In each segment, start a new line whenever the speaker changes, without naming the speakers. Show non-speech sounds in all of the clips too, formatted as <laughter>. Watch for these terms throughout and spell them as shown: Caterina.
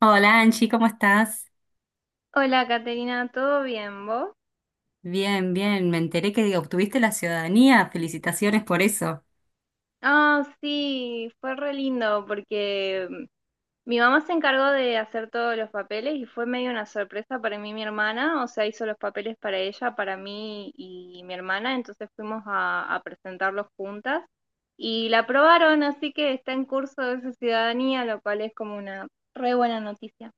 Hola Angie, ¿cómo estás?
Hola, Caterina, ¿todo bien, vos?
Bien, bien, me enteré que obtuviste la ciudadanía, felicitaciones por eso.
Ah, sí, fue re lindo porque mi mamá se encargó de hacer todos los papeles y fue medio una sorpresa para mí y mi hermana, o sea, hizo los papeles para ella, para mí y mi hermana, entonces fuimos a presentarlos juntas y la aprobaron, así que está en curso de su ciudadanía, lo cual es como una re buena noticia.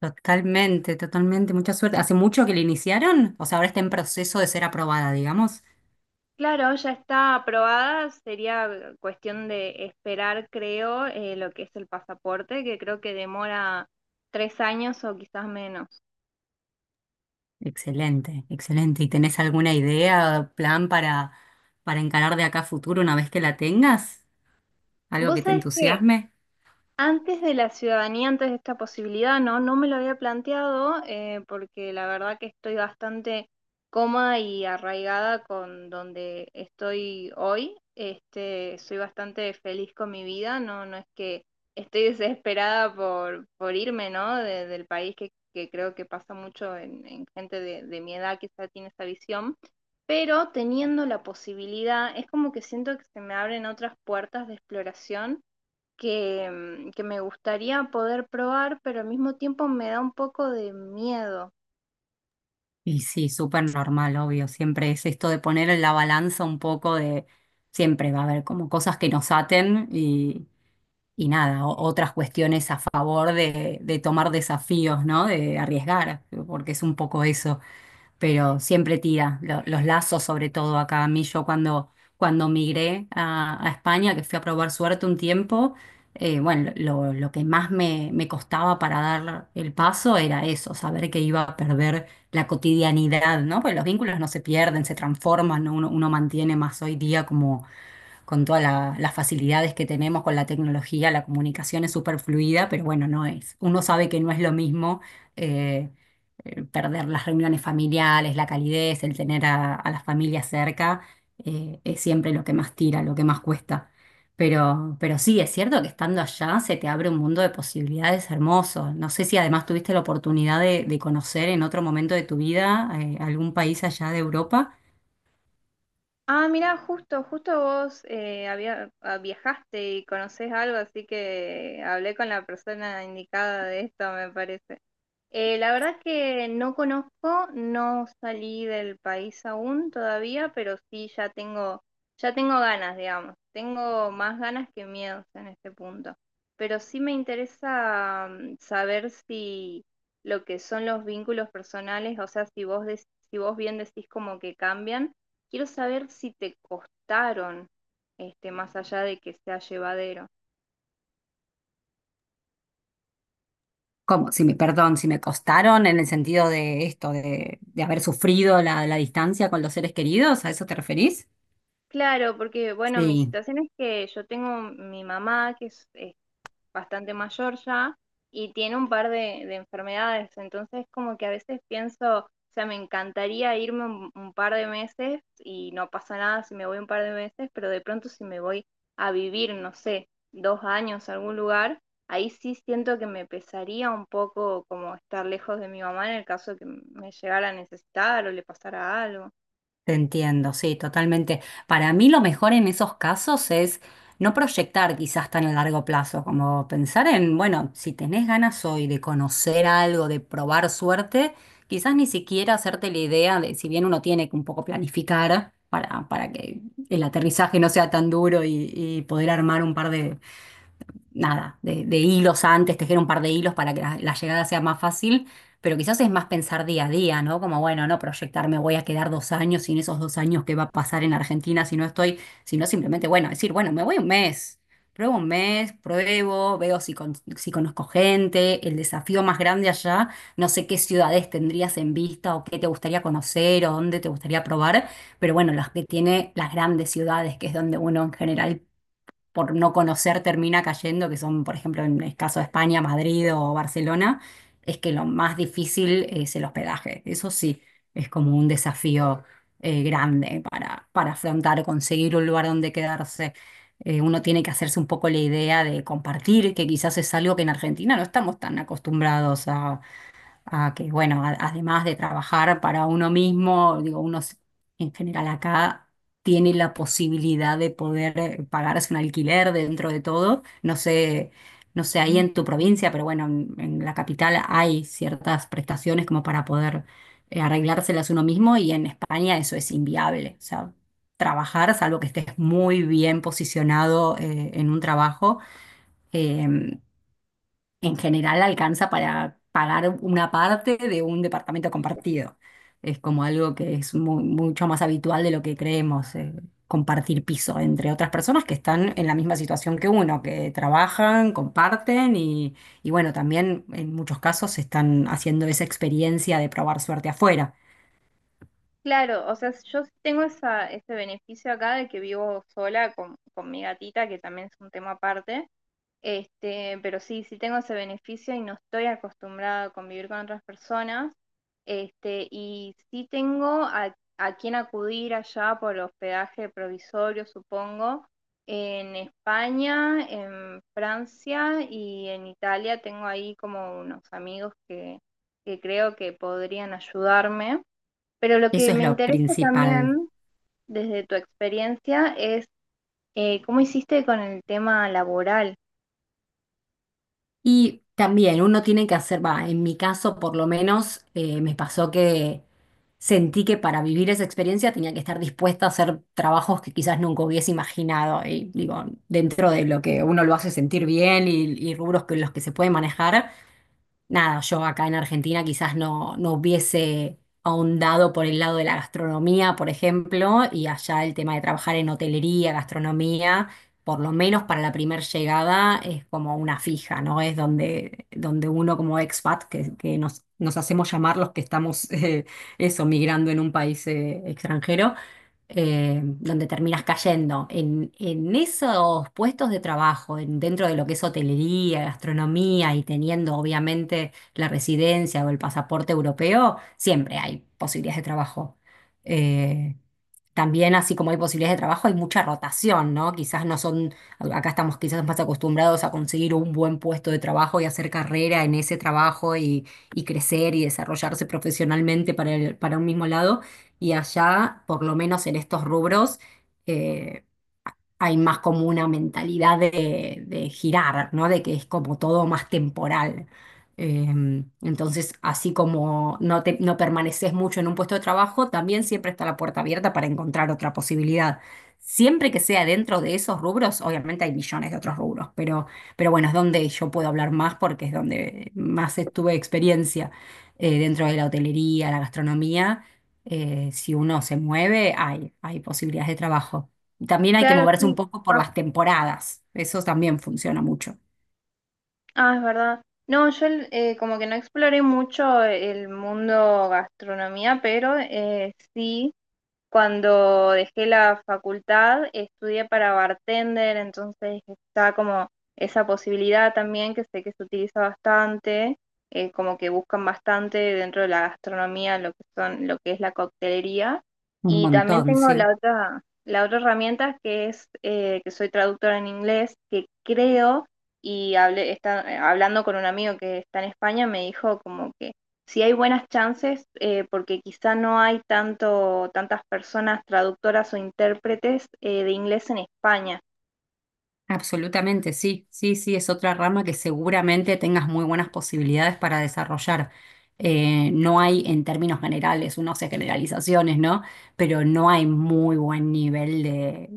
Totalmente, totalmente, mucha suerte. ¿Hace mucho que la iniciaron? O sea, ahora está en proceso de ser aprobada, digamos.
Claro, ya está aprobada, sería cuestión de esperar, creo, lo que es el pasaporte, que creo que demora tres años o quizás menos.
Excelente, excelente. ¿Y tenés alguna idea, plan para encarar de acá a futuro una vez que la tengas? ¿Algo
Vos
que te
sabés que
entusiasme?
antes de la ciudadanía, antes de esta posibilidad, no me lo había planteado, porque la verdad que estoy bastante cómoda y arraigada con donde estoy hoy. Este, soy bastante feliz con mi vida, no es que estoy <laughs> desesperada por irme, ¿no? Del país que creo que pasa mucho en gente de mi edad, que quizá tiene esa visión. Pero teniendo la posibilidad, es como que siento que se me abren otras puertas de exploración que, que me gustaría poder probar, pero al mismo tiempo me da un poco de miedo.
Y sí, súper normal, obvio. Siempre es esto de poner en la balanza un poco de... Siempre va a haber como cosas que nos aten y nada, o- otras cuestiones a favor de tomar desafíos, ¿no? De arriesgar, porque es un poco eso, pero siempre tira los lazos, sobre todo acá. A mí yo cuando migré a España, que fui a probar suerte un tiempo, bueno, lo que más me costaba para dar el paso era eso, saber que iba a perder la cotidianidad, ¿no? Porque los vínculos no se pierden, se transforman, ¿no? Uno mantiene más hoy día como con todas las facilidades que tenemos con la tecnología, la comunicación es súper fluida, pero bueno, no es. Uno sabe que no es lo mismo eh, perder las reuniones familiares, la calidez, el tener a las familias cerca, es siempre lo que más tira, lo que más cuesta. Pero sí, es cierto que estando allá se te abre un mundo de posibilidades hermosos. No sé si además tuviste la oportunidad de conocer en otro momento de tu vida algún país allá de Europa.
Ah, mira, justo, justo vos, viajaste y conocés algo, así que hablé con la persona indicada de esto, me parece. La verdad que no conozco, no salí del país aún todavía, pero sí ya tengo ganas, digamos. Tengo más ganas que miedos en este punto. Pero sí me interesa, saber si lo que son los vínculos personales, o sea, si vos, si vos bien decís como que cambian. Quiero saber si te costaron, este, más allá de que sea llevadero.
Como si me, perdón, si me costaron en el sentido de esto, de haber sufrido la, la distancia con los seres queridos, ¿a eso te referís?
Claro, porque bueno, mi
Sí,
situación es que yo tengo mi mamá que es bastante mayor ya y tiene un par de enfermedades, entonces como que a veces pienso, o sea, me encantaría irme un par de meses y no pasa nada si me voy un par de meses, pero de pronto si me voy a vivir, no sé, dos años a algún lugar, ahí sí siento que me pesaría un poco como estar lejos de mi mamá en el caso que me llegara a necesitar o le pasara algo.
te entiendo, sí, totalmente. Para mí lo mejor en esos casos es no proyectar quizás tan a largo plazo, como pensar en, bueno, si tenés ganas hoy de conocer algo, de probar suerte, quizás ni siquiera hacerte la idea de, si bien uno tiene que un poco planificar para que el aterrizaje no sea tan duro y poder armar un par de nada, de hilos antes, tejer un par de hilos para que la llegada sea más fácil, pero quizás es más pensar día a día, ¿no? Como, bueno, no proyectarme, voy a quedar dos años sin esos dos años que va a pasar en Argentina si no estoy, sino simplemente, bueno, decir, bueno, me voy un mes. Pruebo un mes, pruebo, veo si, si conozco gente, el desafío más grande allá, no sé qué ciudades tendrías en vista o qué te gustaría conocer o dónde te gustaría probar, pero bueno, las que tiene las grandes ciudades, que es donde uno en general por no conocer termina cayendo, que son, por ejemplo, en el caso de España, Madrid o Barcelona, es que lo más difícil es el hospedaje. Eso sí, es como un desafío grande para afrontar, conseguir un lugar donde quedarse. Uno tiene que hacerse un poco la idea de compartir, que quizás es algo que en Argentina no estamos tan acostumbrados. Ah, que bueno, además de trabajar para uno mismo, digo, en general acá tiene la posibilidad de poder pagarse un alquiler dentro de todo. No sé, no sé ahí, mm, en tu provincia, pero bueno, en la capital hay ciertas prestaciones como para poder arreglárselas uno mismo y en España eso es inviable. O sea, trabajar, salvo que estés muy bien posicionado en un trabajo. em, en general alcanza para pagar una parte de un departamento compartido. Es como algo que es mucho más habitual de lo que creemos, compartir piso entre otras personas que están en la misma situación que uno, que trabajan, comparten y bueno, también en muchos casos están haciendo esa experiencia de probar suerte afuera.
Claro, o sea, yo sí tengo esa, ese beneficio acá de que vivo sola con mi gatita, que también es un tema aparte. Este, pero sí, sí tengo ese beneficio y no estoy acostumbrada a convivir con otras personas. Este, y sí tengo a quién acudir allá por hospedaje provisorio, supongo. En España, en Francia y en Italia tengo ahí como unos amigos que creo que podrían ayudarme. Pero lo
Eso
que
es
me
lo
interesa
principal.
también, desde tu experiencia, es, cómo hiciste con el tema laboral.
Y también uno tiene que hacer, va, en mi caso por lo menos me pasó que sentí que para vivir esa experiencia tenía que estar dispuesta a hacer trabajos que quizás nunca hubiese imaginado. Y digo, dentro de lo que uno lo hace sentir bien y rubros que los que se puede manejar, nada, yo acá en Argentina quizás no, no hubiese ahondado por el lado de la gastronomía, por ejemplo, y allá el tema de trabajar en hotelería, gastronomía, por lo menos para la primer llegada es como una fija, ¿no? Es donde, donde uno como expat, que nos, nos hacemos llamar los que estamos, <laughs> eso, migrando en un país extranjero donde terminas cayendo. En esos puestos de trabajo, dentro de lo que es hotelería, gastronomía y teniendo obviamente la residencia o el pasaporte europeo, siempre hay posibilidades de trabajo. eh, También, así como hay posibilidades de trabajo, hay mucha rotación, ¿no? Quizás no son, acá estamos quizás más acostumbrados a conseguir un buen puesto de trabajo y hacer carrera en ese trabajo y crecer y desarrollarse profesionalmente para, para un mismo lado. Y allá, por lo menos en estos rubros, eh, hay más como una mentalidad de girar, ¿no? De que es como todo más temporal. Entonces, así como no, te, no permaneces mucho en un puesto de trabajo, también siempre está la puerta abierta para encontrar otra posibilidad. Siempre que sea dentro de esos rubros, obviamente hay millones de otros rubros, pero bueno, es donde yo puedo hablar más porque es donde más tuve experiencia dentro de la hotelería, la gastronomía. Si uno se mueve, hay posibilidades de trabajo. También hay que
Claro,
moverse un
sí.
poco por
ah,
las temporadas. Eso también funciona mucho.
Ah, es verdad. No, yo, como que no exploré mucho el mundo gastronomía, pero sí. Cuando dejé la facultad, estudié para bartender, entonces está como esa posibilidad también que sé que se utiliza bastante, como que buscan bastante dentro de la gastronomía lo que son, lo que es la coctelería.
Un
Y también
montón,
tengo
sí.
la otra herramienta que es que soy traductora en inglés, que creo y hablé, está, hablando con un amigo que está en España, me dijo como que si hay buenas chances, porque quizá no hay tanto, tantas personas traductoras o intérpretes, de inglés en España.
Absolutamente, sí. Sí, sí, es otra rama que seguramente tengas muy buenas posibilidades para desarrollar. No hay, en términos generales, uno hace generalizaciones, ¿no? Pero no hay muy buen nivel de,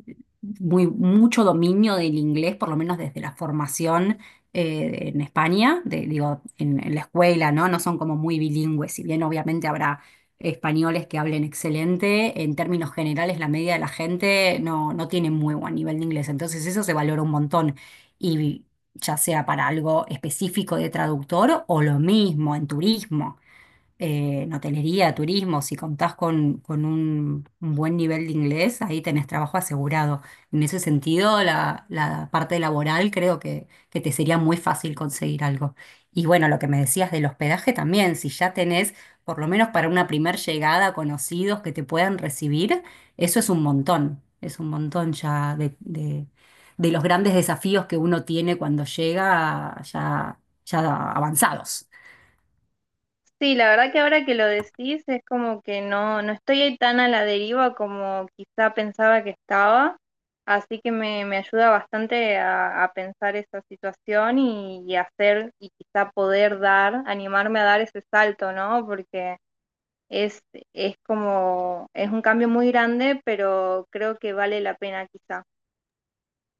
muy, mucho dominio del inglés, por lo menos desde la formación en España, digo, en la escuela, ¿no? No son como muy bilingües, si bien obviamente habrá españoles que hablen excelente. En términos generales, la media de la gente no, no tiene muy buen nivel de inglés, entonces eso se valora un montón. Y ya sea para algo específico de traductor o lo mismo en turismo en hotelería, turismo, si contás con un buen nivel de inglés, ahí tenés trabajo asegurado. En ese sentido, la parte laboral creo que te sería muy fácil conseguir algo. Y bueno, lo que me decías del hospedaje también, si ya tenés, por lo menos para una primer llegada, conocidos que te puedan recibir, eso es un montón ya de, de los grandes desafíos que uno tiene cuando llega ya, ya avanzados.
Sí, la verdad que ahora que lo decís es como que no, no estoy ahí tan a la deriva como quizá pensaba que estaba, así que me ayuda bastante a pensar esa situación y hacer y quizá poder dar, animarme a dar ese salto, ¿no? Porque es, es como, es un cambio muy grande, pero creo que vale la pena quizá.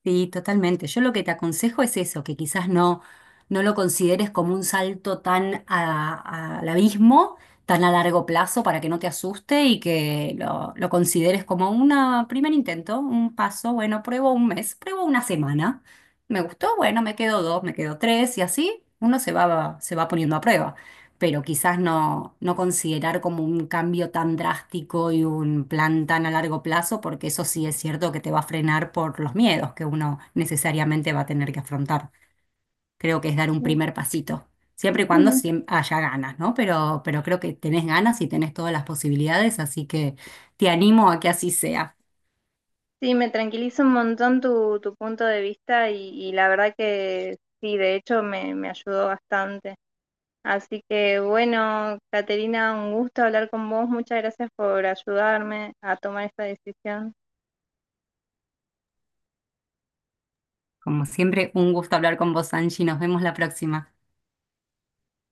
Sí, totalmente. Yo lo que te aconsejo es eso, que quizás no, no lo consideres como un salto al abismo, tan a largo plazo para que no te asuste y que lo consideres como un primer intento, un paso. Bueno, pruebo un mes, pruebo una semana. Me gustó, bueno, me quedo dos, me quedo tres y así uno se va poniendo a prueba, pero quizás no, no considerar como un cambio tan drástico y un plan tan a largo plazo, porque eso sí es cierto que te va a frenar por los miedos que uno necesariamente va a tener que afrontar. Creo que es dar un primer
<clears throat>
pasito, siempre y cuando haya ganas, ¿no? Pero creo que tenés ganas y tenés todas las posibilidades, así que te animo a que así sea.
Sí, me tranquiliza un montón tu, tu punto de vista y la verdad que sí, de hecho me, me ayudó bastante. Así que bueno, Caterina, un gusto hablar con vos. Muchas gracias por ayudarme a tomar esta decisión.
Como siempre, un gusto hablar con vos, Angie. Nos vemos la próxima.